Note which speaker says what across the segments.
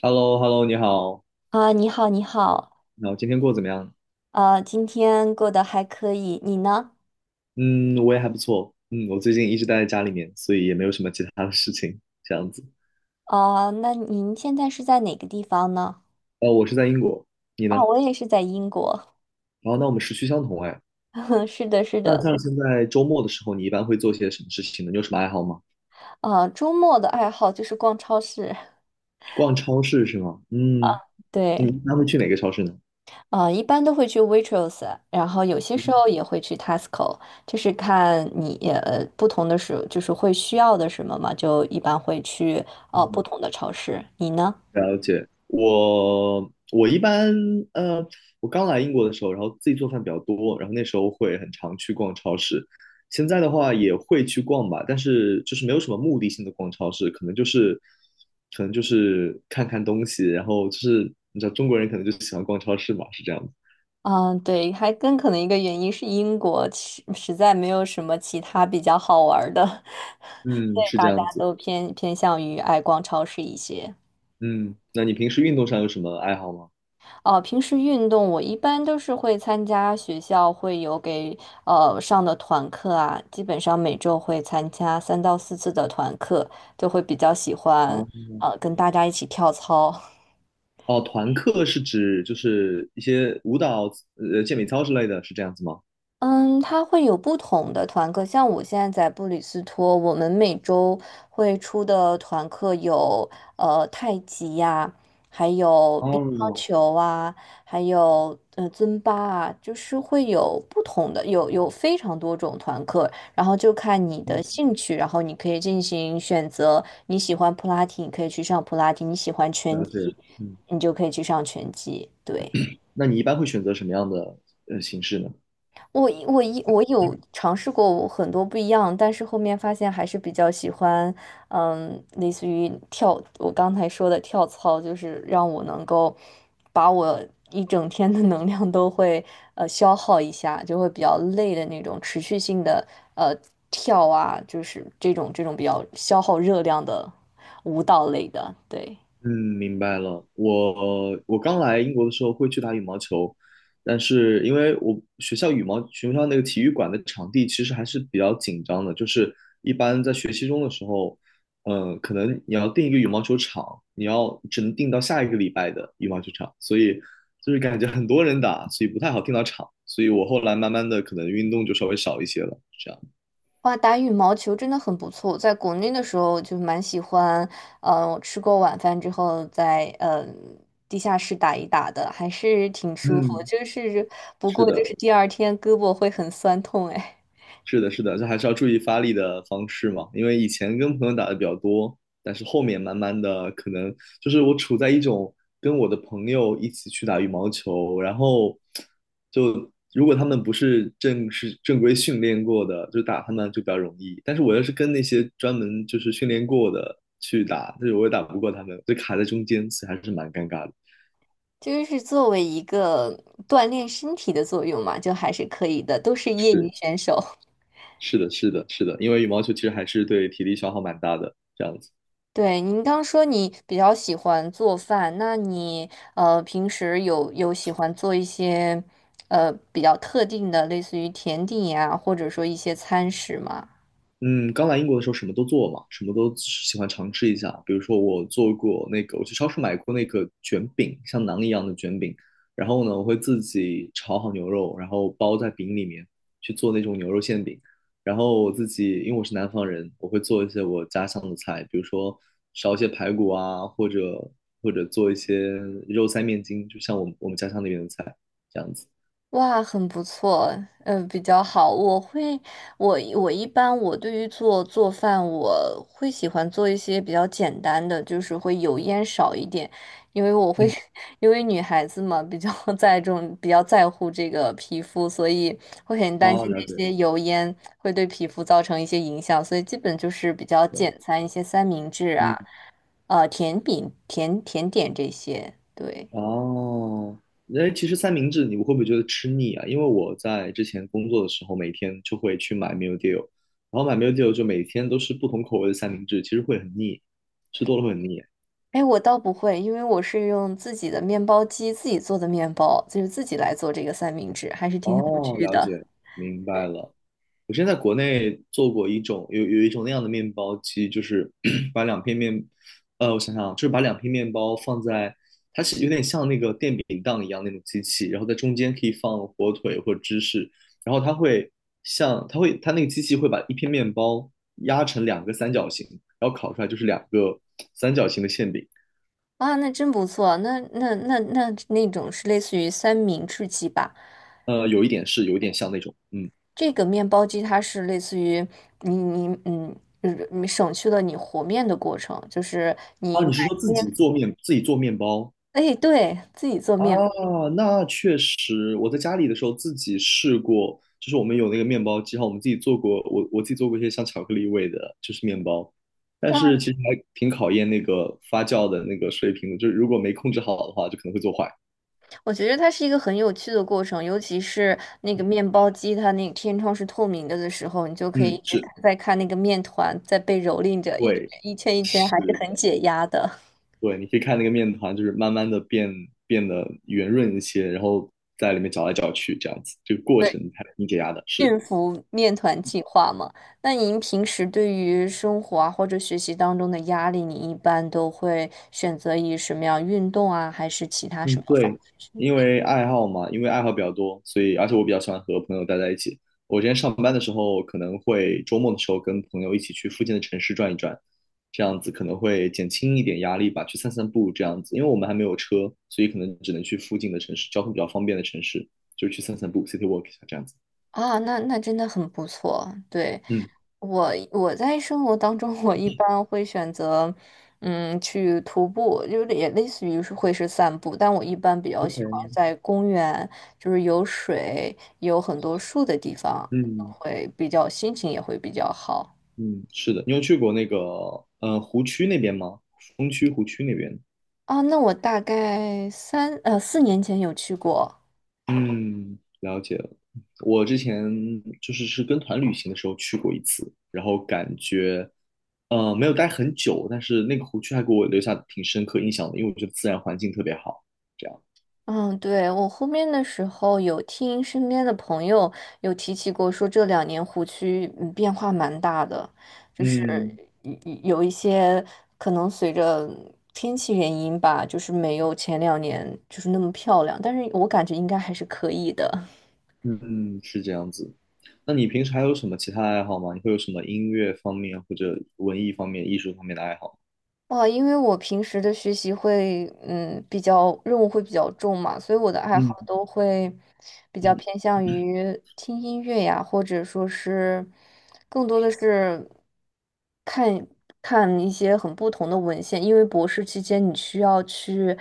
Speaker 1: h e l l o hello 你好，
Speaker 2: 啊，你好，你好，
Speaker 1: 那我今天过得怎么样？
Speaker 2: 今天过得还可以，你呢？
Speaker 1: 嗯，我也还不错。嗯，我最近一直待在家里面，所以也没有什么其他的事情，这样子。
Speaker 2: 啊，那您现在是在哪个地方呢？
Speaker 1: 我是在英国，你
Speaker 2: 啊，
Speaker 1: 呢？
Speaker 2: 我也是在英国，
Speaker 1: 然后，那我们时区相同哎。
Speaker 2: 是的，是
Speaker 1: 那
Speaker 2: 的，
Speaker 1: 像现在周末的时候，你一般会做些什么事情呢？你有什么爱好吗？
Speaker 2: 啊，周末的爱好就是逛超市，
Speaker 1: 逛超市是吗？嗯，你一
Speaker 2: 对，
Speaker 1: 般会去哪个超市呢？
Speaker 2: 啊，一般都会去 Waitrose，然后有些时候也会去 Tesco，就是看你不同的时，就是会需要的什么嘛，就一般会去不
Speaker 1: 嗯，
Speaker 2: 同的超市，你呢？
Speaker 1: 了解。我我一般呃，我刚来英国的时候，然后自己做饭比较多，然后那时候会很常去逛超市。现在的话也会去逛吧，但是就是没有什么目的性的逛超市，可能就是看看东西，然后就是你知道中国人可能就喜欢逛超市嘛，是这样子。
Speaker 2: 嗯，对，还更可能一个原因是英国实实在没有什么其他比较好玩儿的，所
Speaker 1: 嗯，
Speaker 2: 以
Speaker 1: 是
Speaker 2: 大
Speaker 1: 这
Speaker 2: 家
Speaker 1: 样子。
Speaker 2: 都偏偏向于爱逛超市一些。
Speaker 1: 嗯，那你平时运动上有什么爱好吗？
Speaker 2: 哦，平时运动我一般都是会参加学校会有给上的团课啊，基本上每周会参加三到四次的团课，就会比较喜
Speaker 1: 啊，
Speaker 2: 欢跟大家一起跳操。
Speaker 1: 哦，团课是指就是一些舞蹈、健美操之类的，是这样子吗？
Speaker 2: 嗯，它会有不同的团课，像我现在在布里斯托，我们每周会出的团课有太极呀，还有乒乓
Speaker 1: 哦，
Speaker 2: 球啊，还有尊巴啊，就是会有不同的，有非常多种团课，然后就看你的
Speaker 1: 嗯，
Speaker 2: 兴趣，然后你可以进行选择，你喜欢普拉提，你可以去上普拉提，你喜欢拳
Speaker 1: 了解。
Speaker 2: 击，
Speaker 1: 嗯，
Speaker 2: 你就可以去上拳击，对。
Speaker 1: 那你一般会选择什么样的形式呢？
Speaker 2: 我有尝试过很多不一样，但是后面发现还是比较喜欢，嗯，类似于跳，我刚才说的跳操，就是让我能够把我一整天的能量都会消耗一下，就会比较累的那种持续性的呃跳啊，就是这种比较消耗热量的舞蹈类的，对。
Speaker 1: 嗯，明白了。我刚来英国的时候会去打羽毛球，但是因为我学校羽毛学校那个体育馆的场地其实还是比较紧张的，就是一般在学期中的时候，可能你要定一个羽毛球场，你要只能定到下一个礼拜的羽毛球场，所以就是感觉很多人打，所以不太好定到场，所以我后来慢慢的可能运动就稍微少一些了，是这样。
Speaker 2: 哇，打羽毛球真的很不错。在国内的时候就蛮喜欢，我吃过晚饭之后在地下室打一打的，还是挺舒服。
Speaker 1: 嗯，
Speaker 2: 就是不
Speaker 1: 是
Speaker 2: 过就
Speaker 1: 的。
Speaker 2: 是第二天胳膊会很酸痛，哎，
Speaker 1: 是的，是的，这还是要注意发力的方式嘛。因为以前跟朋友打的比较多，但是后面慢慢的，可能就是我处在一种跟我的朋友一起去打羽毛球，然后如果他们不是正式正规训练过的，就打他们就比较容易。但是我要是跟那些专门就是训练过的去打，就是我也打不过他们，就卡在中间，所以还是蛮尴尬的。
Speaker 2: 就是作为一个锻炼身体的作用嘛，就还是可以的，都是业余
Speaker 1: 是，
Speaker 2: 选手。
Speaker 1: 是的，是的，是的，因为羽毛球其实还是对体力消耗蛮大的，这样子。
Speaker 2: 对，您刚说你比较喜欢做饭，那你平时有喜欢做一些比较特定的，类似于甜点呀，或者说一些餐食吗？
Speaker 1: 嗯，刚来英国的时候什么都做嘛，什么都喜欢尝试一下。比如说，我做过那个，我去超市买过那个卷饼，像馕一样的卷饼。然后呢，我会自己炒好牛肉，然后包在饼里面去做那种牛肉馅饼。然后我自己，因为我是南方人，我会做一些我家乡的菜，比如说烧一些排骨啊，或者做一些肉塞面筋，就像我们家乡那边的菜这样子。
Speaker 2: 哇，很不错，比较好。我会，我我一般我对于做饭，我会喜欢做一些比较简单的，就是会油烟少一点，因为我会，
Speaker 1: 嗯，
Speaker 2: 因为女孩子嘛，比较 在重，比较在乎这个皮肤，所以会很担
Speaker 1: 好，
Speaker 2: 心
Speaker 1: 了
Speaker 2: 那
Speaker 1: 解。
Speaker 2: 些油烟会对皮肤造成一些影响，所以基本就是比较简餐，一些三明治啊，
Speaker 1: 对，
Speaker 2: 甜饼、甜甜点这些，对。
Speaker 1: 哦，哎，其实三明治你会不会觉得吃腻啊？因为我在之前工作的时候，每天就会去买 meal deal，然后买 meal deal 就每天都是不同口味的三明治，其实会很腻，吃多了会很腻。
Speaker 2: 哎，我倒不会，因为我是用自己的面包机自己做的面包，就是自己来做这个三明治，还是挺有
Speaker 1: 哦，
Speaker 2: 趣
Speaker 1: 了
Speaker 2: 的
Speaker 1: 解，明白了。我之前在国内做过一种有一种那样的面包机，就是 把两片面，我想想啊，就是把两片面包放在它是有点像那个电饼铛一样那种机器，然后在中间可以放火腿或芝士，然后它会像它会它那个机器会把一片面包压成两个三角形，然后烤出来就是两个三角形的馅饼。
Speaker 2: 啊。那真不错，那种是类似于三明治机吧？
Speaker 1: 有一点像那种，嗯，
Speaker 2: 这个面包机它是类似于你嗯，就是你省去了你和面的过程，就是你
Speaker 1: 啊，
Speaker 2: 买
Speaker 1: 你是说
Speaker 2: 面，
Speaker 1: 自己做面包？
Speaker 2: 哎，对，自己做
Speaker 1: 啊，
Speaker 2: 面
Speaker 1: 那确实，我在家里的时候自己试过，就是我们有那个面包机哈，我们自己做过，我自己做过一些像巧克力味的，就是面包，但
Speaker 2: 包。啊
Speaker 1: 是其实还挺考验那个发酵的那个水平的，就是如果没控制好的话，就可能会做坏。
Speaker 2: 我觉得它是一个很有趣的过程，尤其是那个面包机，它那个天窗是透明的的时候，你就可以
Speaker 1: 嗯，
Speaker 2: 一直
Speaker 1: 是，
Speaker 2: 看那个面团在被蹂躏着，一直
Speaker 1: 对，
Speaker 2: 一圈一圈，
Speaker 1: 是
Speaker 2: 还是很
Speaker 1: 的，
Speaker 2: 解压的。
Speaker 1: 对，你可以看那个面团，就是慢慢的变得圆润一些，然后在里面搅来搅去，这样子，这个过
Speaker 2: 对，
Speaker 1: 程还挺解压的，是。
Speaker 2: 驯服面团计划嘛。那您平时对于生活啊或者学习当中的压力，你一般都会选择以什么样运动啊，还是其他什
Speaker 1: 嗯，
Speaker 2: 么方
Speaker 1: 对，
Speaker 2: 式？
Speaker 1: 因为爱好比较多，所以而且我比较喜欢和朋友待在一起。我今天上班的时候，可能会周末的时候跟朋友一起去附近的城市转一转，这样子可能会减轻一点压力吧，去散散步这样子。因为我们还没有车，所以可能只能去附近的城市，交通比较方便的城市，就去散散步，city walk 一下这样子。
Speaker 2: 啊，那那真的很不错，对。
Speaker 1: 嗯
Speaker 2: 我我在生活当中，我一般会选择，嗯，去徒步，就是也类似于是会是散步，但我一般比较喜欢
Speaker 1: ，OK，
Speaker 2: 在公园，就是有水、有很多树的地方，
Speaker 1: 嗯
Speaker 2: 会比较心情也会比较好
Speaker 1: 嗯，是的，你有去过那个湖区那边吗？风区湖区那边？
Speaker 2: 啊。那我大概4年前有去过。
Speaker 1: 嗯，了解了。我之前就是是跟团旅行的时候去过一次，然后感觉，没有待很久，但是那个湖区还给我留下挺深刻印象的，因为我觉得自然环境特别好。这样，
Speaker 2: 嗯，对，我后面的时候有听身边的朋友有提起过，说这两年湖区嗯变化蛮大的，就是
Speaker 1: 嗯
Speaker 2: 有一些可能随着天气原因吧，就是没有前2年就是那么漂亮，但是我感觉应该还是可以的。
Speaker 1: 嗯，是这样子。那你平时还有什么其他爱好吗？你会有什么音乐方面或者文艺方面、艺术方面的爱好
Speaker 2: 哇，因为我平时的学习会，嗯，比较任务会比较重嘛，所以我的爱好
Speaker 1: 嗯
Speaker 2: 都会比较
Speaker 1: 嗯，
Speaker 2: 偏向于听音乐呀，或者说是更多的是看看一些很不同的文献，因为博士期间你需要去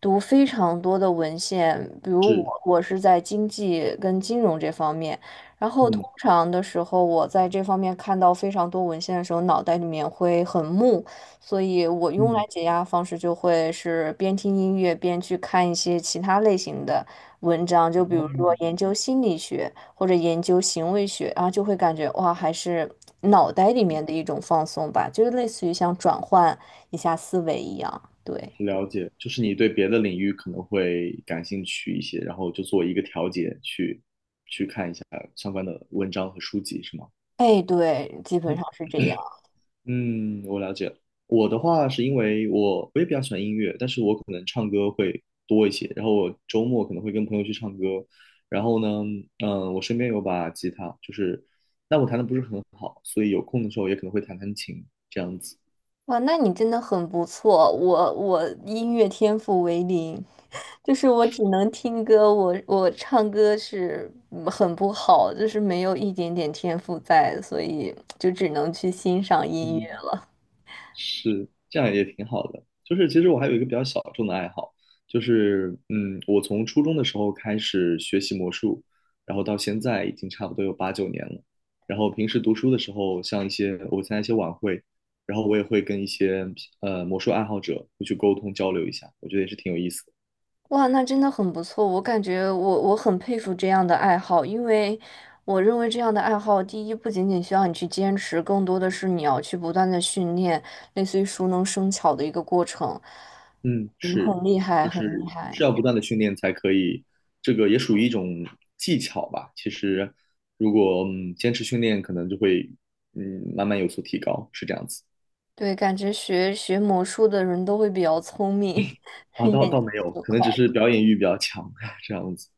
Speaker 2: 读非常多的文献，比如我
Speaker 1: 是，
Speaker 2: 我是在经济跟金融这方面，然后通
Speaker 1: 嗯
Speaker 2: 常的时候我在这方面看到非常多文献的时候，脑袋里面会很木。所以我用来
Speaker 1: 嗯，
Speaker 2: 解压的方式就会是边听音乐边去看一些其他类型的文章，就比如说研
Speaker 1: 哦，
Speaker 2: 究心理学或者研究行为学，然后就会感觉哇，还是脑袋里面的一种放松吧，就是类似于像转换一下思维一样。对，
Speaker 1: 了解，就是你对别的领域可能会感兴趣一些，然后就做一个调节，去相关的文章和书籍，是吗？
Speaker 2: 哎，对，基本上 是这样。
Speaker 1: 嗯，我了解了。我的话是因为我也比较喜欢音乐，但是我可能唱歌会多一些。然后我周末可能会跟朋友去唱歌。然后呢，嗯，我身边有把吉他，就是但我弹的不是很好，所以有空的时候也可能会弹弹琴这样子。
Speaker 2: 哇，那你真的很不错，我我音乐天赋为零，就是我只能听歌，我我唱歌是嗯很不好，就是没有一点点天赋在，所以就只能去欣赏音
Speaker 1: 嗯。
Speaker 2: 乐。
Speaker 1: 是，这样也挺好的。就是其实我还有一个比较小众的爱好，我从初中的时候开始学习魔术，然后到现在已经差不多有8、9年了。然后平时读书的时候，像一些我参加一些晚会，然后我也会跟一些魔术爱好者会去沟通交流一下，我觉得也是挺有意思的。
Speaker 2: 哇，那真的很不错，我感觉我我很佩服这样的爱好，因为我认为这样的爱好，第一不仅仅需要你去坚持，更多的是你要去不断的训练，类似于熟能生巧的一个过程。
Speaker 1: 嗯，
Speaker 2: 嗯，
Speaker 1: 是，
Speaker 2: 很厉害，
Speaker 1: 就
Speaker 2: 很厉
Speaker 1: 是
Speaker 2: 害。
Speaker 1: 是要不断的训练才可以，这个也属于一种技巧吧。其实，如果坚持训练，可能就会慢慢有所提高，是这样子。
Speaker 2: 对，感觉学魔术的人都会比较聪明，
Speaker 1: 啊，
Speaker 2: 眼
Speaker 1: 倒
Speaker 2: 睛
Speaker 1: 倒没有，
Speaker 2: 手
Speaker 1: 可能
Speaker 2: 快。
Speaker 1: 只是表演欲比较强 这样子，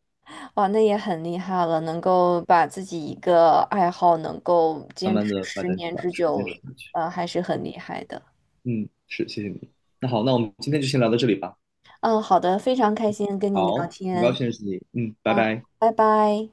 Speaker 2: 哇，那也很厉害了，能够把自己一个爱好能够
Speaker 1: 慢
Speaker 2: 坚持
Speaker 1: 慢的发
Speaker 2: 十
Speaker 1: 展出
Speaker 2: 年
Speaker 1: 来，
Speaker 2: 之
Speaker 1: 是坚
Speaker 2: 久，
Speaker 1: 持下去。
Speaker 2: 还是很厉害的。
Speaker 1: 嗯，是，谢谢你。那好，那我们今天就先聊到这里吧。
Speaker 2: 嗯，好的，非常开心跟你
Speaker 1: 好，
Speaker 2: 聊
Speaker 1: 很高
Speaker 2: 天。
Speaker 1: 兴认识你。嗯，拜
Speaker 2: 嗯，
Speaker 1: 拜。
Speaker 2: 拜拜。